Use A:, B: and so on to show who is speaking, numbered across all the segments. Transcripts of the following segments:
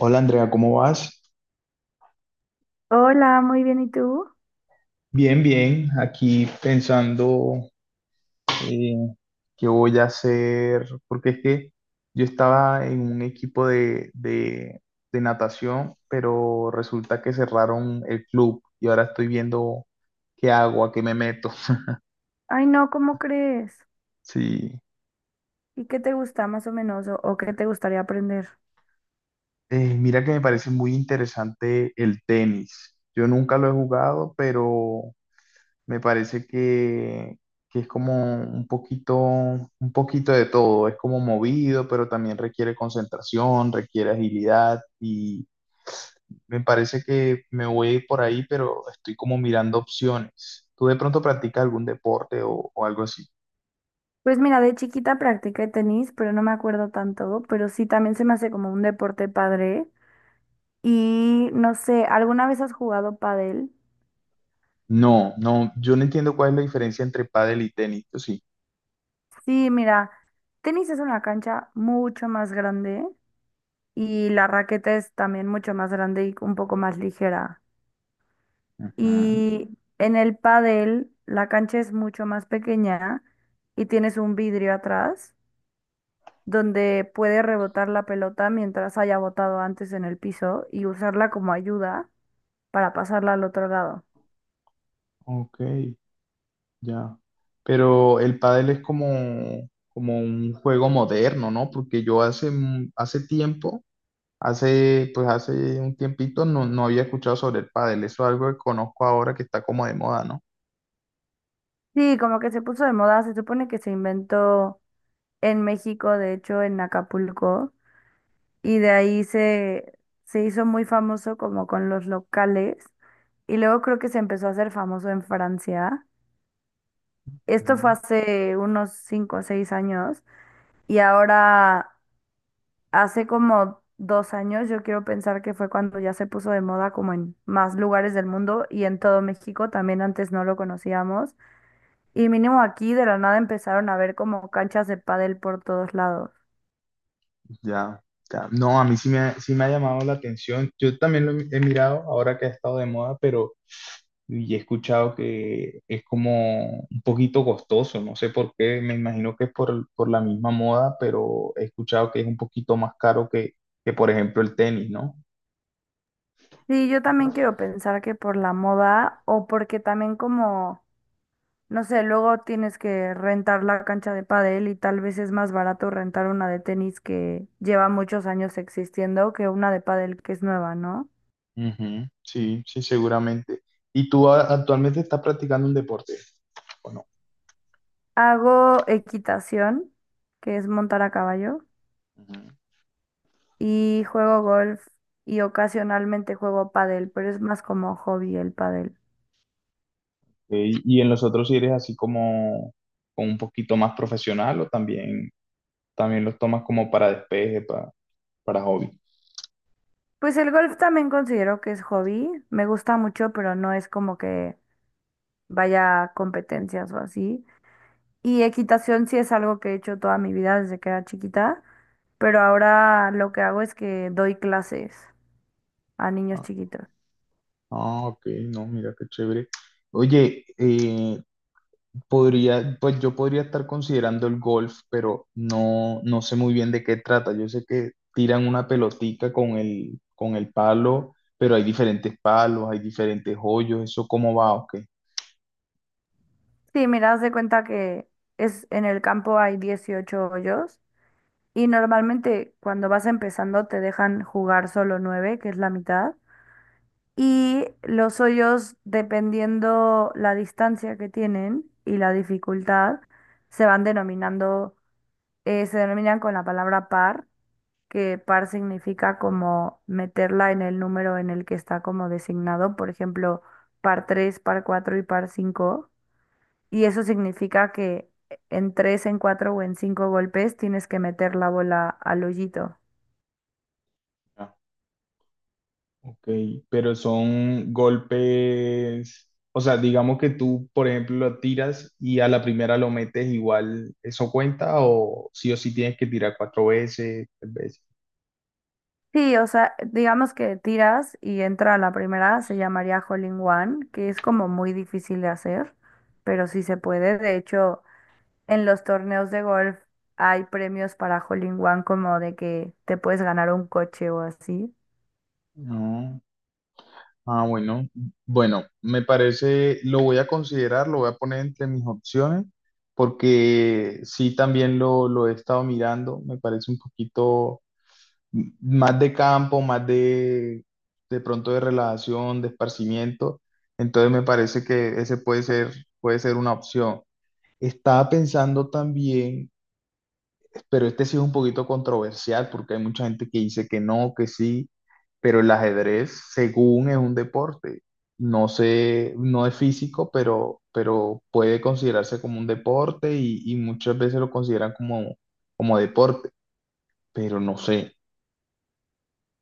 A: Hola Andrea, ¿cómo vas?
B: Hola, muy bien, ¿y tú?
A: Bien, bien, aquí pensando, eh, qué voy a hacer, porque es que yo estaba en un equipo de natación, pero resulta que cerraron el club y ahora estoy viendo qué hago, a qué me meto.
B: Ay, no, ¿cómo crees?
A: Sí.
B: ¿Y qué te gusta más o menos o qué te gustaría aprender?
A: Mira que me parece muy interesante el tenis. Yo nunca lo he jugado, pero me parece que es como un poquito de todo. Es como movido, pero también requiere concentración, requiere agilidad y me parece que me voy a ir por ahí, pero estoy como mirando opciones. ¿Tú de pronto practicas algún deporte o algo así?
B: Pues mira, de chiquita practiqué tenis, pero no me acuerdo tanto, pero sí también se me hace como un deporte padre. Y no sé, ¿alguna vez has jugado pádel?
A: No, no, yo no entiendo cuál es la diferencia entre pádel y tenis, ¿o sí?
B: Sí, mira, tenis es una cancha mucho más grande y la raqueta es también mucho más grande y un poco más ligera.
A: Ujú.
B: Y en el pádel la cancha es mucho más pequeña y tienes un vidrio atrás, donde puede rebotar la pelota mientras haya botado antes en el piso y usarla como ayuda para pasarla al otro lado.
A: Ok, ya. Pero el pádel es como, como un juego moderno, ¿no? Porque yo hace, hace tiempo. Hace, pues hace un tiempito no, no había escuchado sobre el pádel, eso es algo que conozco ahora que está como de moda, ¿no?
B: Sí, como que se puso de moda, se supone que se inventó en México, de hecho en Acapulco, y de ahí se hizo muy famoso como con los locales, y luego creo que se empezó a hacer famoso en Francia. Esto fue
A: Mm.
B: hace unos 5 o 6 años, y ahora hace como 2 años, yo quiero pensar que fue cuando ya se puso de moda como en más lugares del mundo y en todo México, también antes no lo conocíamos. Y mínimo aquí de la nada empezaron a ver como canchas de pádel por todos lados.
A: Ya, ya. No, a mí sí me, sí me ha llamado la atención. Yo también lo he mirado ahora que ha estado de moda, pero y he escuchado que es como un poquito costoso. No sé por qué, me imagino que es por la misma moda, pero he escuchado que es un poquito más caro que por ejemplo, el tenis, ¿no?
B: Sí, yo también quiero pensar que por la moda o porque también como, no sé, luego tienes que rentar la cancha de pádel y tal vez es más barato rentar una de tenis que lleva muchos años existiendo que una de pádel que es nueva, ¿no?
A: Ujú, sí, sí, seguramente. ¿Y tú actualmente estás practicando un deporte?
B: Hago equitación, que es montar a caballo,
A: Ujú.
B: y juego golf y ocasionalmente juego pádel, pero es más como hobby el pádel.
A: ¿Ok? Y en los otros sí eres así como, como un poquito más profesional o también, también los tomas como para despeje, para hobby.
B: Pues el golf también considero que es hobby, me gusta mucho, pero no es como que vaya a competencias o así. Y equitación sí es algo que he hecho toda mi vida desde que era chiquita, pero ahora lo que hago es que doy clases a niños
A: Ah,
B: chiquitos.
A: ah, ok, no, mira qué chévere. Oye, podría, pues yo podría estar considerando el golf, pero no, no sé muy bien de qué trata. Yo sé que tiran una pelotica con el palo, pero hay diferentes palos, hay diferentes hoyos, ¿eso cómo va o qué?
B: Sí, mira, haz de cuenta que es en el campo hay 18 hoyos. Y normalmente cuando vas empezando te dejan jugar solo nueve, que es la mitad. Y los hoyos, dependiendo la distancia que tienen y la dificultad, se van denominando, se denominan con la palabra par, que par significa como meterla en el número en el que está como designado, por ejemplo, par 3, par 4 y par 5 Y eso significa que en 3, en 4 o en 5 golpes tienes que meter la bola al hoyito.
A: Ok, pero son golpes, o sea, digamos que tú, por ejemplo, lo tiras y a la primera lo metes igual, ¿eso cuenta o sí tienes que tirar cuatro veces, tres veces?
B: Sí, o sea, digamos que tiras y entra la primera, se llamaría Hole in One, que es como muy difícil de hacer, pero sí se puede. De hecho, en los torneos de golf hay premios para Hole in One, como de que te puedes ganar un coche o así.
A: No. Ah, bueno, bueno, me parece, lo voy a considerar, lo voy a poner entre mis opciones, porque sí también lo he estado mirando, me parece un poquito más de campo, más de pronto de relajación, de esparcimiento. Entonces me parece que ese puede ser una opción. Estaba pensando también, pero este sí es un poquito controversial porque hay mucha gente que dice que no, que sí, pero el ajedrez, según es un deporte, no sé, no es físico, pero puede considerarse como un deporte y muchas veces lo consideran como, como deporte, pero no sé.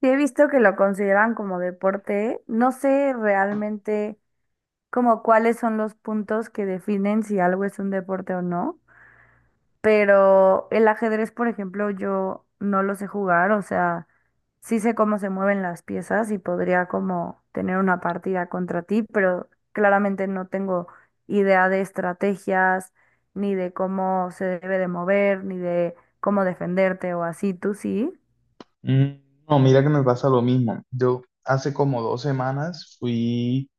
B: Sí, he visto que lo consideran como deporte. No sé realmente como cuáles son los puntos que definen si algo es un deporte o no. Pero el ajedrez, por ejemplo, yo no lo sé jugar, o sea, sí sé cómo se mueven las piezas y podría como tener una partida contra ti, pero claramente no tengo idea de estrategias, ni de cómo se debe de mover, ni de cómo defenderte o así, ¿tú sí?
A: Mm. No, mira que me pasa lo mismo. Yo hace como dos semanas fui,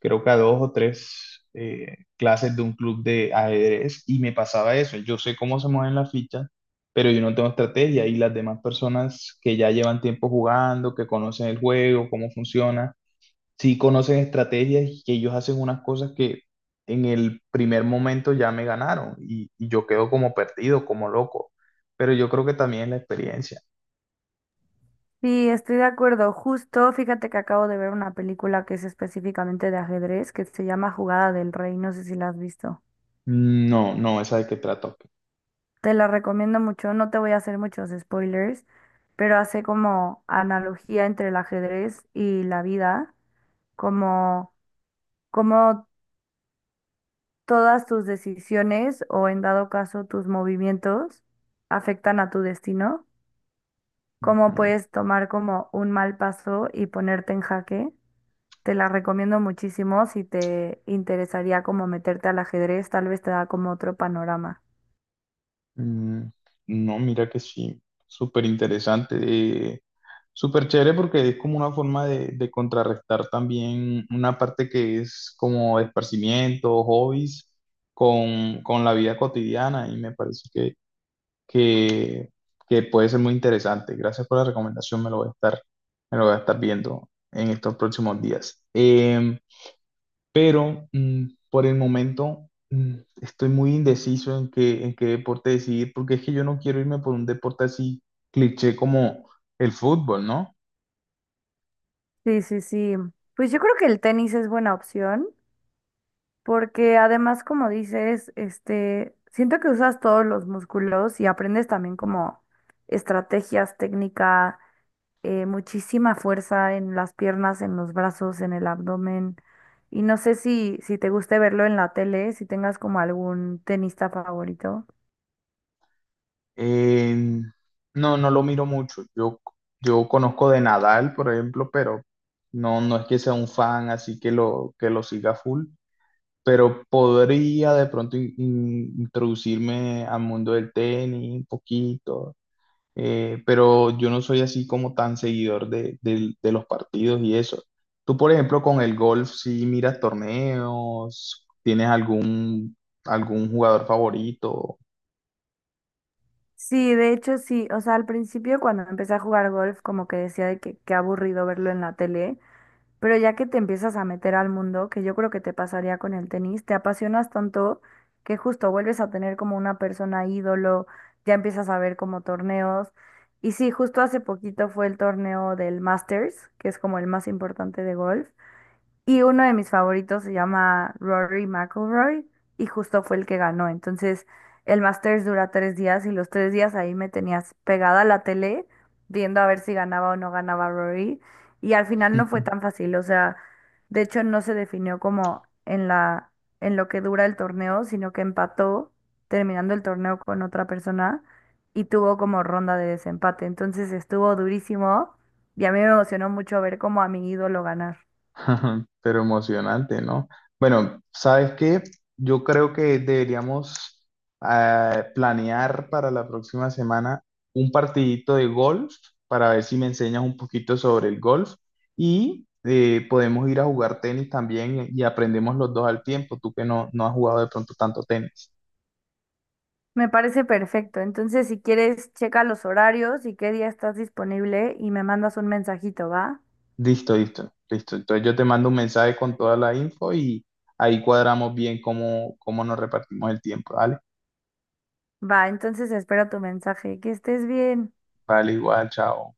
A: creo que a dos o tres clases de un club de ajedrez y me pasaba eso. Yo sé cómo se mueven las fichas, pero yo no tengo estrategia y las demás personas que ya llevan tiempo jugando, que conocen el juego, cómo funciona, sí conocen estrategias y que ellos hacen unas cosas que en el primer momento ya me ganaron y yo quedo como perdido, como loco. Pero yo creo que también es la experiencia.
B: Sí, estoy de acuerdo. Justo, fíjate que acabo de ver una película que es específicamente de ajedrez, que se llama Jugada del Rey, no sé si la has visto.
A: Mm. No, no, esa de qué trata. Ok.
B: Te la recomiendo mucho, no te voy a hacer muchos spoilers, pero hace como analogía entre el ajedrez y la vida, como, como todas tus decisiones o en dado caso tus movimientos afectan a tu destino, cómo
A: Ujú.
B: puedes tomar como un mal paso y ponerte en jaque. Te la recomiendo muchísimo, si te interesaría como meterte al ajedrez, tal vez te da como otro panorama.
A: Mm. No, mira que sí, súper interesante, eh, súper chévere porque es como una forma de contrarrestar también una parte que es como esparcimiento, hobbies, con la vida cotidiana y me parece que, que puede ser muy interesante. Gracias por la recomendación, me lo voy a estar, me lo voy a estar viendo en estos próximos días. Pero mm, por el momento mm, estoy muy indeciso en qué deporte decidir, porque es que yo no quiero irme por un deporte así cliché como el fútbol, ¿no?
B: Sí, sí, sí. Pues yo creo que el tenis es buena opción. Porque además, como dices, este, siento que usas todos los músculos y aprendes también como estrategias, técnica, muchísima fuerza en las piernas, en los brazos, en el abdomen. Y no sé si te guste verlo en la tele, si tengas como algún tenista favorito.
A: Eh, no, no lo miro mucho. Yo conozco de Nadal, por ejemplo, pero no, no es que sea un fan, así que lo siga full. Pero podría de pronto introducirme al mundo del tenis un poquito, pero yo no soy así como tan seguidor de, de los partidos y eso. Tú, por ejemplo, con el golf, si miras torneos, ¿tienes algún, algún jugador favorito?
B: Sí, de hecho sí, o sea, al principio cuando empecé a jugar golf, como que decía de que qué aburrido verlo en la tele. Pero ya que te empiezas a meter al mundo, que yo creo que te pasaría con el tenis, te apasionas tanto que justo vuelves a tener como una persona ídolo, ya empiezas a ver como torneos. Y sí, justo hace poquito fue el torneo del Masters, que es como el más importante de golf. Y uno de mis favoritos se llama Rory McIlroy y justo fue el que ganó. Entonces, el Masters dura 3 días y los 3 días ahí me tenías pegada a la tele viendo a ver si ganaba o no ganaba Rory. Y al final no fue tan fácil, o sea, de hecho no se definió como en la, en lo que dura el torneo, sino que empató terminando el torneo con otra persona y tuvo como ronda de desempate. Entonces estuvo durísimo y a mí me emocionó mucho ver como a mi ídolo ganar.
A: Pero emocionante, ¿no? Bueno, ¿sabes qué? Yo creo que deberíamos planear para la próxima semana un partidito de golf para ver si me enseñas un poquito sobre el golf y podemos ir a jugar tenis también y aprendemos los dos al tiempo, tú que no, no has jugado de pronto tanto tenis.
B: Me parece perfecto. Entonces, si quieres, checa los horarios y qué día estás disponible y me mandas un mensajito, ¿va?
A: Listo, listo, listo. Entonces yo te mando un mensaje con toda la info y ahí cuadramos bien cómo, cómo nos repartimos el tiempo, ¿vale?
B: Va, entonces espero tu mensaje. Que estés bien.
A: Vale, igual, chao.